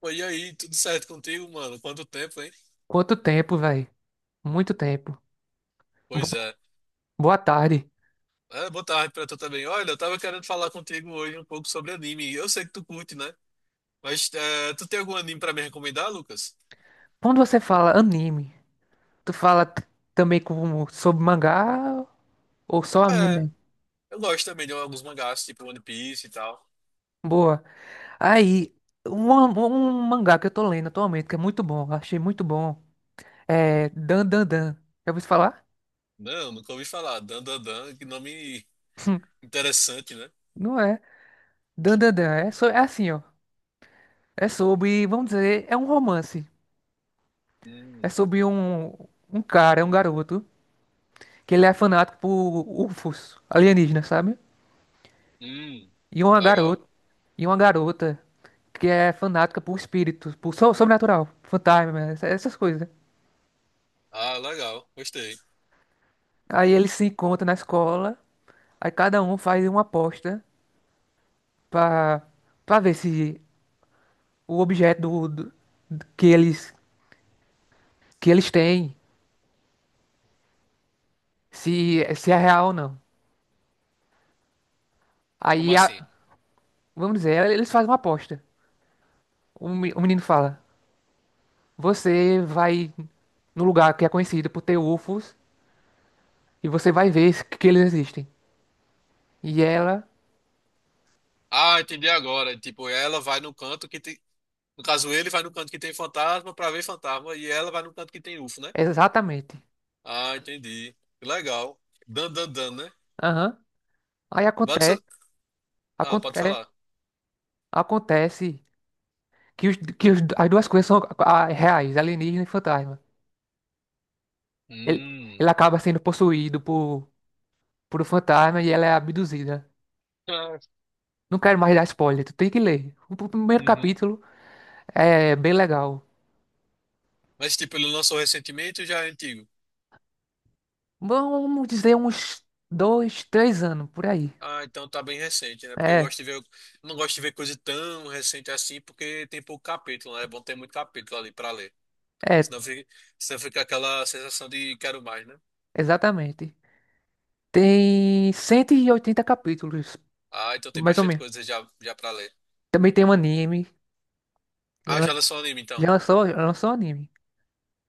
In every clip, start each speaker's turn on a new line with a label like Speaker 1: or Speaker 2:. Speaker 1: Pô, e aí, tudo certo contigo, mano? Quanto tempo, hein?
Speaker 2: Quanto tempo, velho? Muito tempo. Bo-
Speaker 1: Pois é.
Speaker 2: Boa tarde.
Speaker 1: Boa tarde pra tu também. Olha, eu tava querendo falar contigo hoje um pouco sobre anime. Eu sei que tu curte, né? Tu tem algum anime pra me recomendar, Lucas?
Speaker 2: Quando você fala anime, tu fala t- também como sobre mangá ou só
Speaker 1: É,
Speaker 2: anime?
Speaker 1: eu gosto também de alguns mangás, tipo One Piece e tal.
Speaker 2: Boa. Aí, um mangá que eu tô lendo atualmente, que é muito bom, achei muito bom, é Dan Dan Dan. Já ouviu falar?
Speaker 1: Não, nunca ouvi falar. Dan Dan Dan, que nome interessante, né?
Speaker 2: Não é. Dan Dan Dan. É assim, ó. É sobre, vamos dizer, é um romance. É
Speaker 1: Hum,
Speaker 2: sobre um cara, um garoto, que ele é fanático por UFOs, alienígenas, sabe?
Speaker 1: hum,
Speaker 2: E uma
Speaker 1: legal.
Speaker 2: garota, e uma garota que é fanática por espíritos, por sobrenatural, fantasma, essas coisas, né?
Speaker 1: Ah, legal, gostei.
Speaker 2: Aí eles se encontram na escola, aí cada um faz uma aposta pra para ver se o objeto que eles que eles têm, se se é real ou não.
Speaker 1: Como
Speaker 2: Aí a-
Speaker 1: assim?
Speaker 2: Vamos dizer, eles fazem uma aposta. O menino fala: "Você vai no lugar que é conhecido por ter UFOs e você vai ver que eles existem". E ela.
Speaker 1: Ah, entendi agora. Tipo, ela vai no canto que, te- no caso, ele vai no canto que tem fantasma pra ver fantasma e ela vai no canto que tem UFO, né?
Speaker 2: Exatamente.
Speaker 1: Ah, entendi. Que legal. Dan, dan, dan, né?
Speaker 2: Aham. Aí
Speaker 1: Pode
Speaker 2: acontece,
Speaker 1: ser- Ah, pode
Speaker 2: acontece,
Speaker 1: falar.
Speaker 2: acontece que que as duas coisas são reais, alienígena e fantasma. Ele,
Speaker 1: Hum.
Speaker 2: ele acaba sendo possuído por um fantasma e ela é abduzida.
Speaker 1: Ah,
Speaker 2: Não quero mais dar spoiler, tu tem que ler. Primeiro
Speaker 1: uhum.
Speaker 2: capítulo é bem legal.
Speaker 1: Mas, tipo, ele lançou recentemente ou já é antigo?
Speaker 2: Vamos dizer uns dois, três anos, por aí.
Speaker 1: Ah, então tá bem recente, né? Porque eu
Speaker 2: É,
Speaker 1: gosto de ver, eu não gosto de ver coisa tão recente assim, porque tem pouco capítulo, né? É bom ter muito capítulo ali pra ler.
Speaker 2: é,
Speaker 1: Senão fica, senão fica aquela sensação de quero mais, né?
Speaker 2: exatamente. Tem 180 capítulos,
Speaker 1: Ah, então tem
Speaker 2: mais ou
Speaker 1: bastante
Speaker 2: menos.
Speaker 1: coisa já, já pra ler.
Speaker 2: Também tem um anime.
Speaker 1: Ah, já
Speaker 2: lan-
Speaker 1: lançou o anime, então.
Speaker 2: Já lançou, lançou um anime.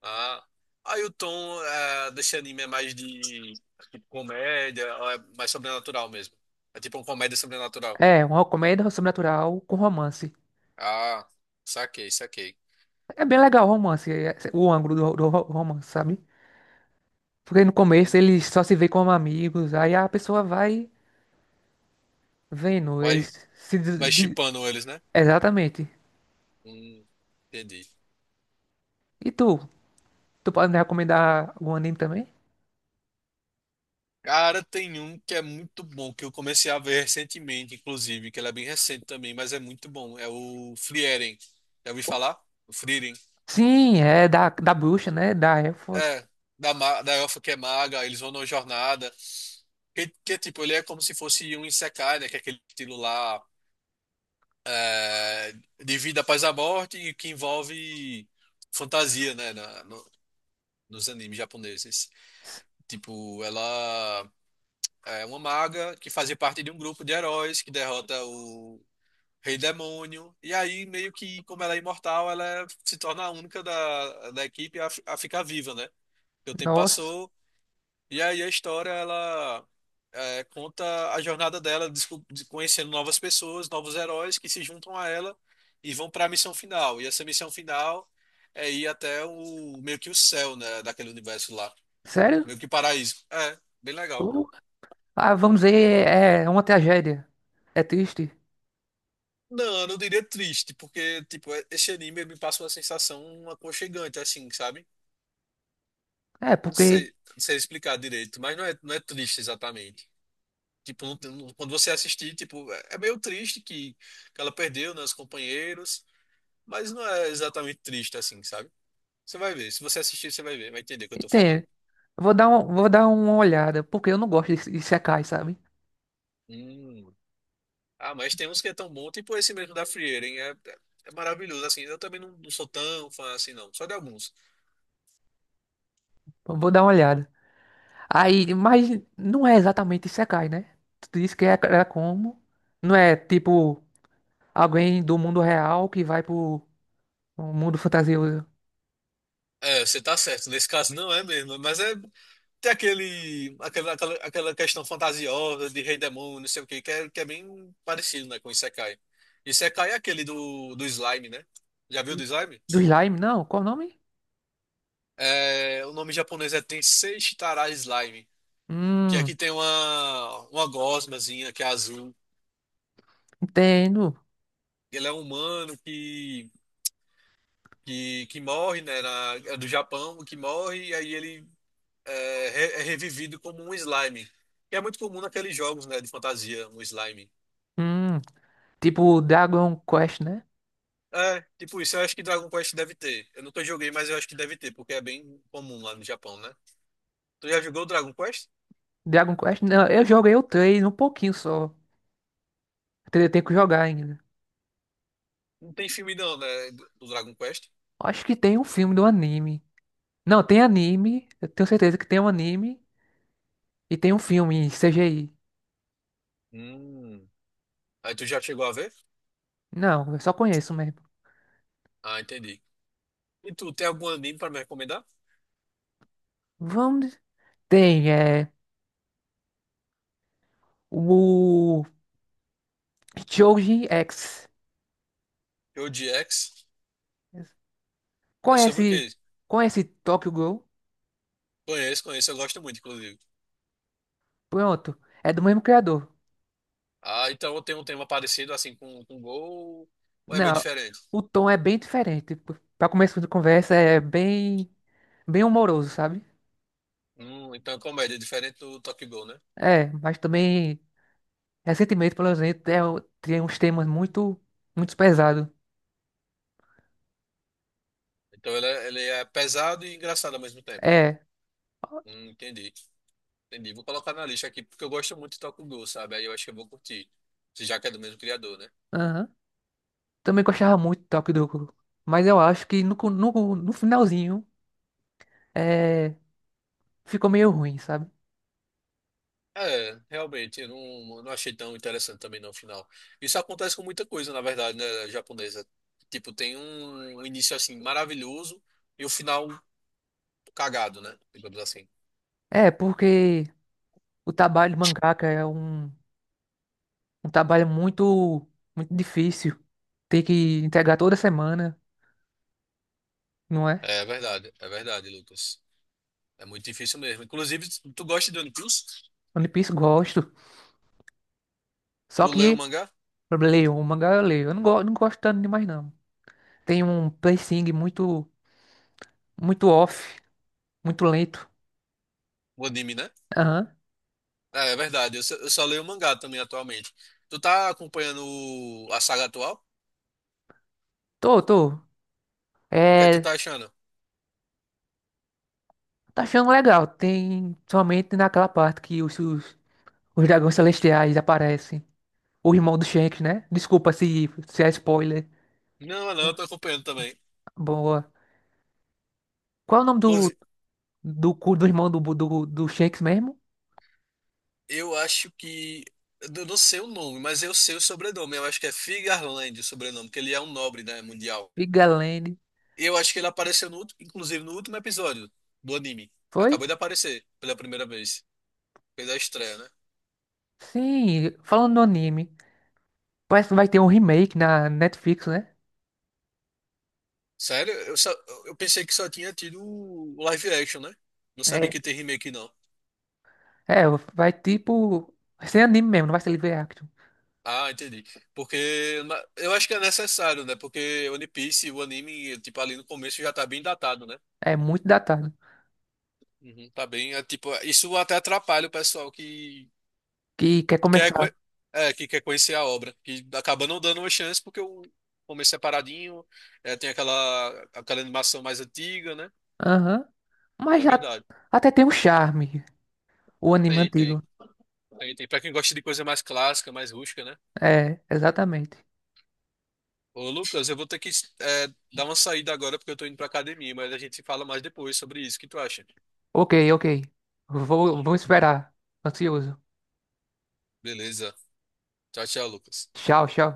Speaker 1: Ah, Aí o tom é, desse anime é mais de tipo, comédia, ou é mais sobrenatural mesmo. É tipo uma comédia sobrenatural.
Speaker 2: É, uma comédia sobrenatural com romance.
Speaker 1: Ah, saquei, saquei.
Speaker 2: É bem legal o romance, é, o ângulo do romance, sabe? Porque no
Speaker 1: Hum,
Speaker 2: começo eles só se vê como amigos, aí a pessoa vai vendo,
Speaker 1: Vai,
Speaker 2: eles se...
Speaker 1: vai shippando eles, né?
Speaker 2: Exatamente.
Speaker 1: Hum, entendi.
Speaker 2: E tu? Tu pode me recomendar o anime também?
Speaker 1: Cara, tem um que é muito bom, que eu comecei a ver recentemente, inclusive, que ele é bem recente também, mas é muito bom. É o Frieren. Já ouvi falar? O Frieren.
Speaker 2: Sim, é da bruxa, né? Da elfa.
Speaker 1: É, Da elfa que é maga, eles vão numa jornada. Tipo, ele é como se fosse um Isekai, né? Que é aquele estilo lá é, de vida após a morte e que envolve fantasia, né? Nos animes japoneses. Tipo, ela é uma maga que fazia parte de um grupo de heróis que derrota o Rei Demônio. E aí, meio que, como ela é imortal, ela se torna a única da equipe a, a ficar viva, né? Porque o tempo
Speaker 2: Nossa,
Speaker 1: passou. E aí a história ela é, conta a jornada dela, conhecendo novas pessoas, novos heróis que se juntam a ela e vão para a missão final. E essa missão final é ir até o meio que o céu, né, daquele universo lá,
Speaker 2: sério?
Speaker 1: meio que paraíso. É, bem legal.
Speaker 2: Uh, Ah, vamos dizer, é uma tragédia. É triste.
Speaker 1: Não, eu não diria triste, porque tipo esse anime ele me passa uma sensação aconchegante, assim, sabe?
Speaker 2: É,
Speaker 1: Não
Speaker 2: porque...
Speaker 1: sei, não sei explicar direito, mas não é triste exatamente. Tipo, quando você assistir, tipo, é meio triste que ela perdeu, né, os companheiros, mas não é exatamente triste assim, sabe? Você vai ver, se você assistir, você vai ver, vai entender o que eu tô falando.
Speaker 2: Entende? Vou dar uma olhada, porque eu não gosto de Isekai, sabe?
Speaker 1: Hum. Ah, mas tem uns que é tão bom, tipo esse mesmo da Frieira, hein? É maravilhoso, assim. Eu também não sou tão fã assim, não, só de alguns.
Speaker 2: Vou dar uma olhada. Aí, mas não é exatamente Isekai, né? Tu disse que é como? Não é tipo alguém do mundo real que vai pro mundo fantasioso
Speaker 1: É, você tá certo, nesse caso não é mesmo, mas é. Tem aquela questão fantasiosa de rei demônio, não sei o quê, que é bem parecido, né, com Isekai. Isekai é aquele do slime, né? Já viu do slime?
Speaker 2: do slime, não? Qual o nome?
Speaker 1: É, o nome japonês é Tensei Shitara Slime, que
Speaker 2: Hum,
Speaker 1: aqui tem uma gosmazinha que é azul.
Speaker 2: entendo.
Speaker 1: Ele é um humano que morre, né? É do Japão, que morre, e aí ele é revivido como um slime. Que é muito comum naqueles jogos, né, de fantasia, um slime.
Speaker 2: Hum, tipo Dragon Quest, né?
Speaker 1: É, tipo isso, eu acho que Dragon Quest deve ter. Eu nunca joguei, mas eu acho que deve ter, porque é bem comum lá no Japão, né? Tu já jogou o Dragon Quest?
Speaker 2: Dragon Quest, não, eu joguei o trailer um pouquinho só. Tem Tenho que jogar ainda.
Speaker 1: Não tem filme não, né, do do Dragon Quest?
Speaker 2: Acho que tem um filme do anime. Não, tem anime. Eu tenho certeza que tem um anime. E tem um filme em CGI.
Speaker 1: Hum. Aí tu já chegou a ver?
Speaker 2: Não, eu só conheço mesmo.
Speaker 1: Ah, entendi. E tu, tem algum anime pra me recomendar?
Speaker 2: Vamos. Tem, é. O Shoujin X.
Speaker 1: Eu de X? É sobre o
Speaker 2: Conhece.
Speaker 1: quê?
Speaker 2: Conhece Tokyo Ghoul?
Speaker 1: Conheço, conheço, eu gosto muito, inclusive.
Speaker 2: Pronto. É do mesmo criador.
Speaker 1: Ah, então tem um tema parecido, assim, com Gol, ou é meio
Speaker 2: Não,
Speaker 1: diferente?
Speaker 2: o tom é bem diferente. Pra começo de conversa, é bem. Bem humoroso, sabe?
Speaker 1: Então é comédia, é diferente do Tokyo Ghoul, né?
Speaker 2: É, mas também. Recentemente, pelo exemplo, é, tem uns temas muito. Muito pesados.
Speaker 1: Então ele é pesado e engraçado ao mesmo tempo.
Speaker 2: É.
Speaker 1: Entendi. Entendi. Vou colocar na lista aqui, porque eu gosto muito de Tokugou, sabe? Aí eu acho que eu vou curtir. Se Já que é do mesmo criador, né?
Speaker 2: Também gostava muito do Toque do. Mas eu acho que no finalzinho é, ficou meio ruim, sabe?
Speaker 1: É, realmente, eu não achei tão interessante também no final. Isso acontece com muita coisa, na verdade, né, japonesa. Tipo, tem um início assim maravilhoso e o final cagado, né? Digamos assim.
Speaker 2: É, porque o trabalho de mangaka é um trabalho muito, muito difícil. Tem que entregar toda semana, não é?
Speaker 1: É verdade, Lucas. É muito difícil mesmo. Inclusive, tu gosta de One Piece?
Speaker 2: One Piece gosto. Só
Speaker 1: Tu leu o
Speaker 2: que
Speaker 1: mangá?
Speaker 2: o mangá eu leio. Eu não, go, não gosto tanto demais, não. Tem um pacing muito, muito off, muito lento.
Speaker 1: O anime, né?
Speaker 2: Aham.
Speaker 1: É, é verdade. Eu só leio o mangá também atualmente. Tu tá acompanhando a saga atual?
Speaker 2: Tô, tô.
Speaker 1: E o que é que tu
Speaker 2: É,
Speaker 1: tá achando?
Speaker 2: tá achando legal. Tem somente naquela parte que os. Os dragões celestiais aparecem. O irmão do Shanks, né? Desculpa se é spoiler.
Speaker 1: Não, não, eu tô acompanhando também.
Speaker 2: Boa. Qual é o nome
Speaker 1: Inclusive,
Speaker 2: do irmão do Shanks mesmo?
Speaker 1: eu acho que. Eu não sei o nome, mas eu sei o sobrenome. Eu acho que é Figarland o sobrenome, porque ele é um nobre, né, mundial.
Speaker 2: Vigalene.
Speaker 1: Eu acho que ele apareceu, inclusive, no último episódio do anime.
Speaker 2: Foi?
Speaker 1: Acabou de aparecer pela primeira vez. Fez a estreia, né?
Speaker 2: Sim, falando no anime. Parece que vai ter um remake na Netflix, né?
Speaker 1: Sério? Eu pensei que só tinha tido o live action, né? Não sabia
Speaker 2: É,
Speaker 1: que tem remake, não.
Speaker 2: é, vai tipo. Vai ser anime mesmo, não vai ser live action.
Speaker 1: Ah, entendi. Eu acho que é necessário, né? Porque One Piece, o anime, tipo, ali no começo já tá bem datado, né?
Speaker 2: É muito datado.
Speaker 1: Uhum, tá bem. É, tipo, isso até atrapalha o pessoal que
Speaker 2: Que quer
Speaker 1: quer, co-
Speaker 2: começar.
Speaker 1: é, que quer conhecer a obra, que acaba não dando uma chance porque o começo separadinho, é, tem aquela animação mais antiga, né?
Speaker 2: Aham. Mas
Speaker 1: É
Speaker 2: já,
Speaker 1: verdade.
Speaker 2: até tem um charme. O anime
Speaker 1: Tem, tem.
Speaker 2: antigo.
Speaker 1: Tem, tem. Pra quem gosta de coisa mais clássica, mais rústica, né?
Speaker 2: É, exatamente.
Speaker 1: Ô, Lucas, eu vou ter que, é, dar uma saída agora porque eu tô indo pra academia, mas a gente fala mais depois sobre isso. O que tu acha?
Speaker 2: Ok, ok. Vou esperar. Ansioso.
Speaker 1: Beleza. Tchau, tchau, Lucas.
Speaker 2: Tchau, tchau.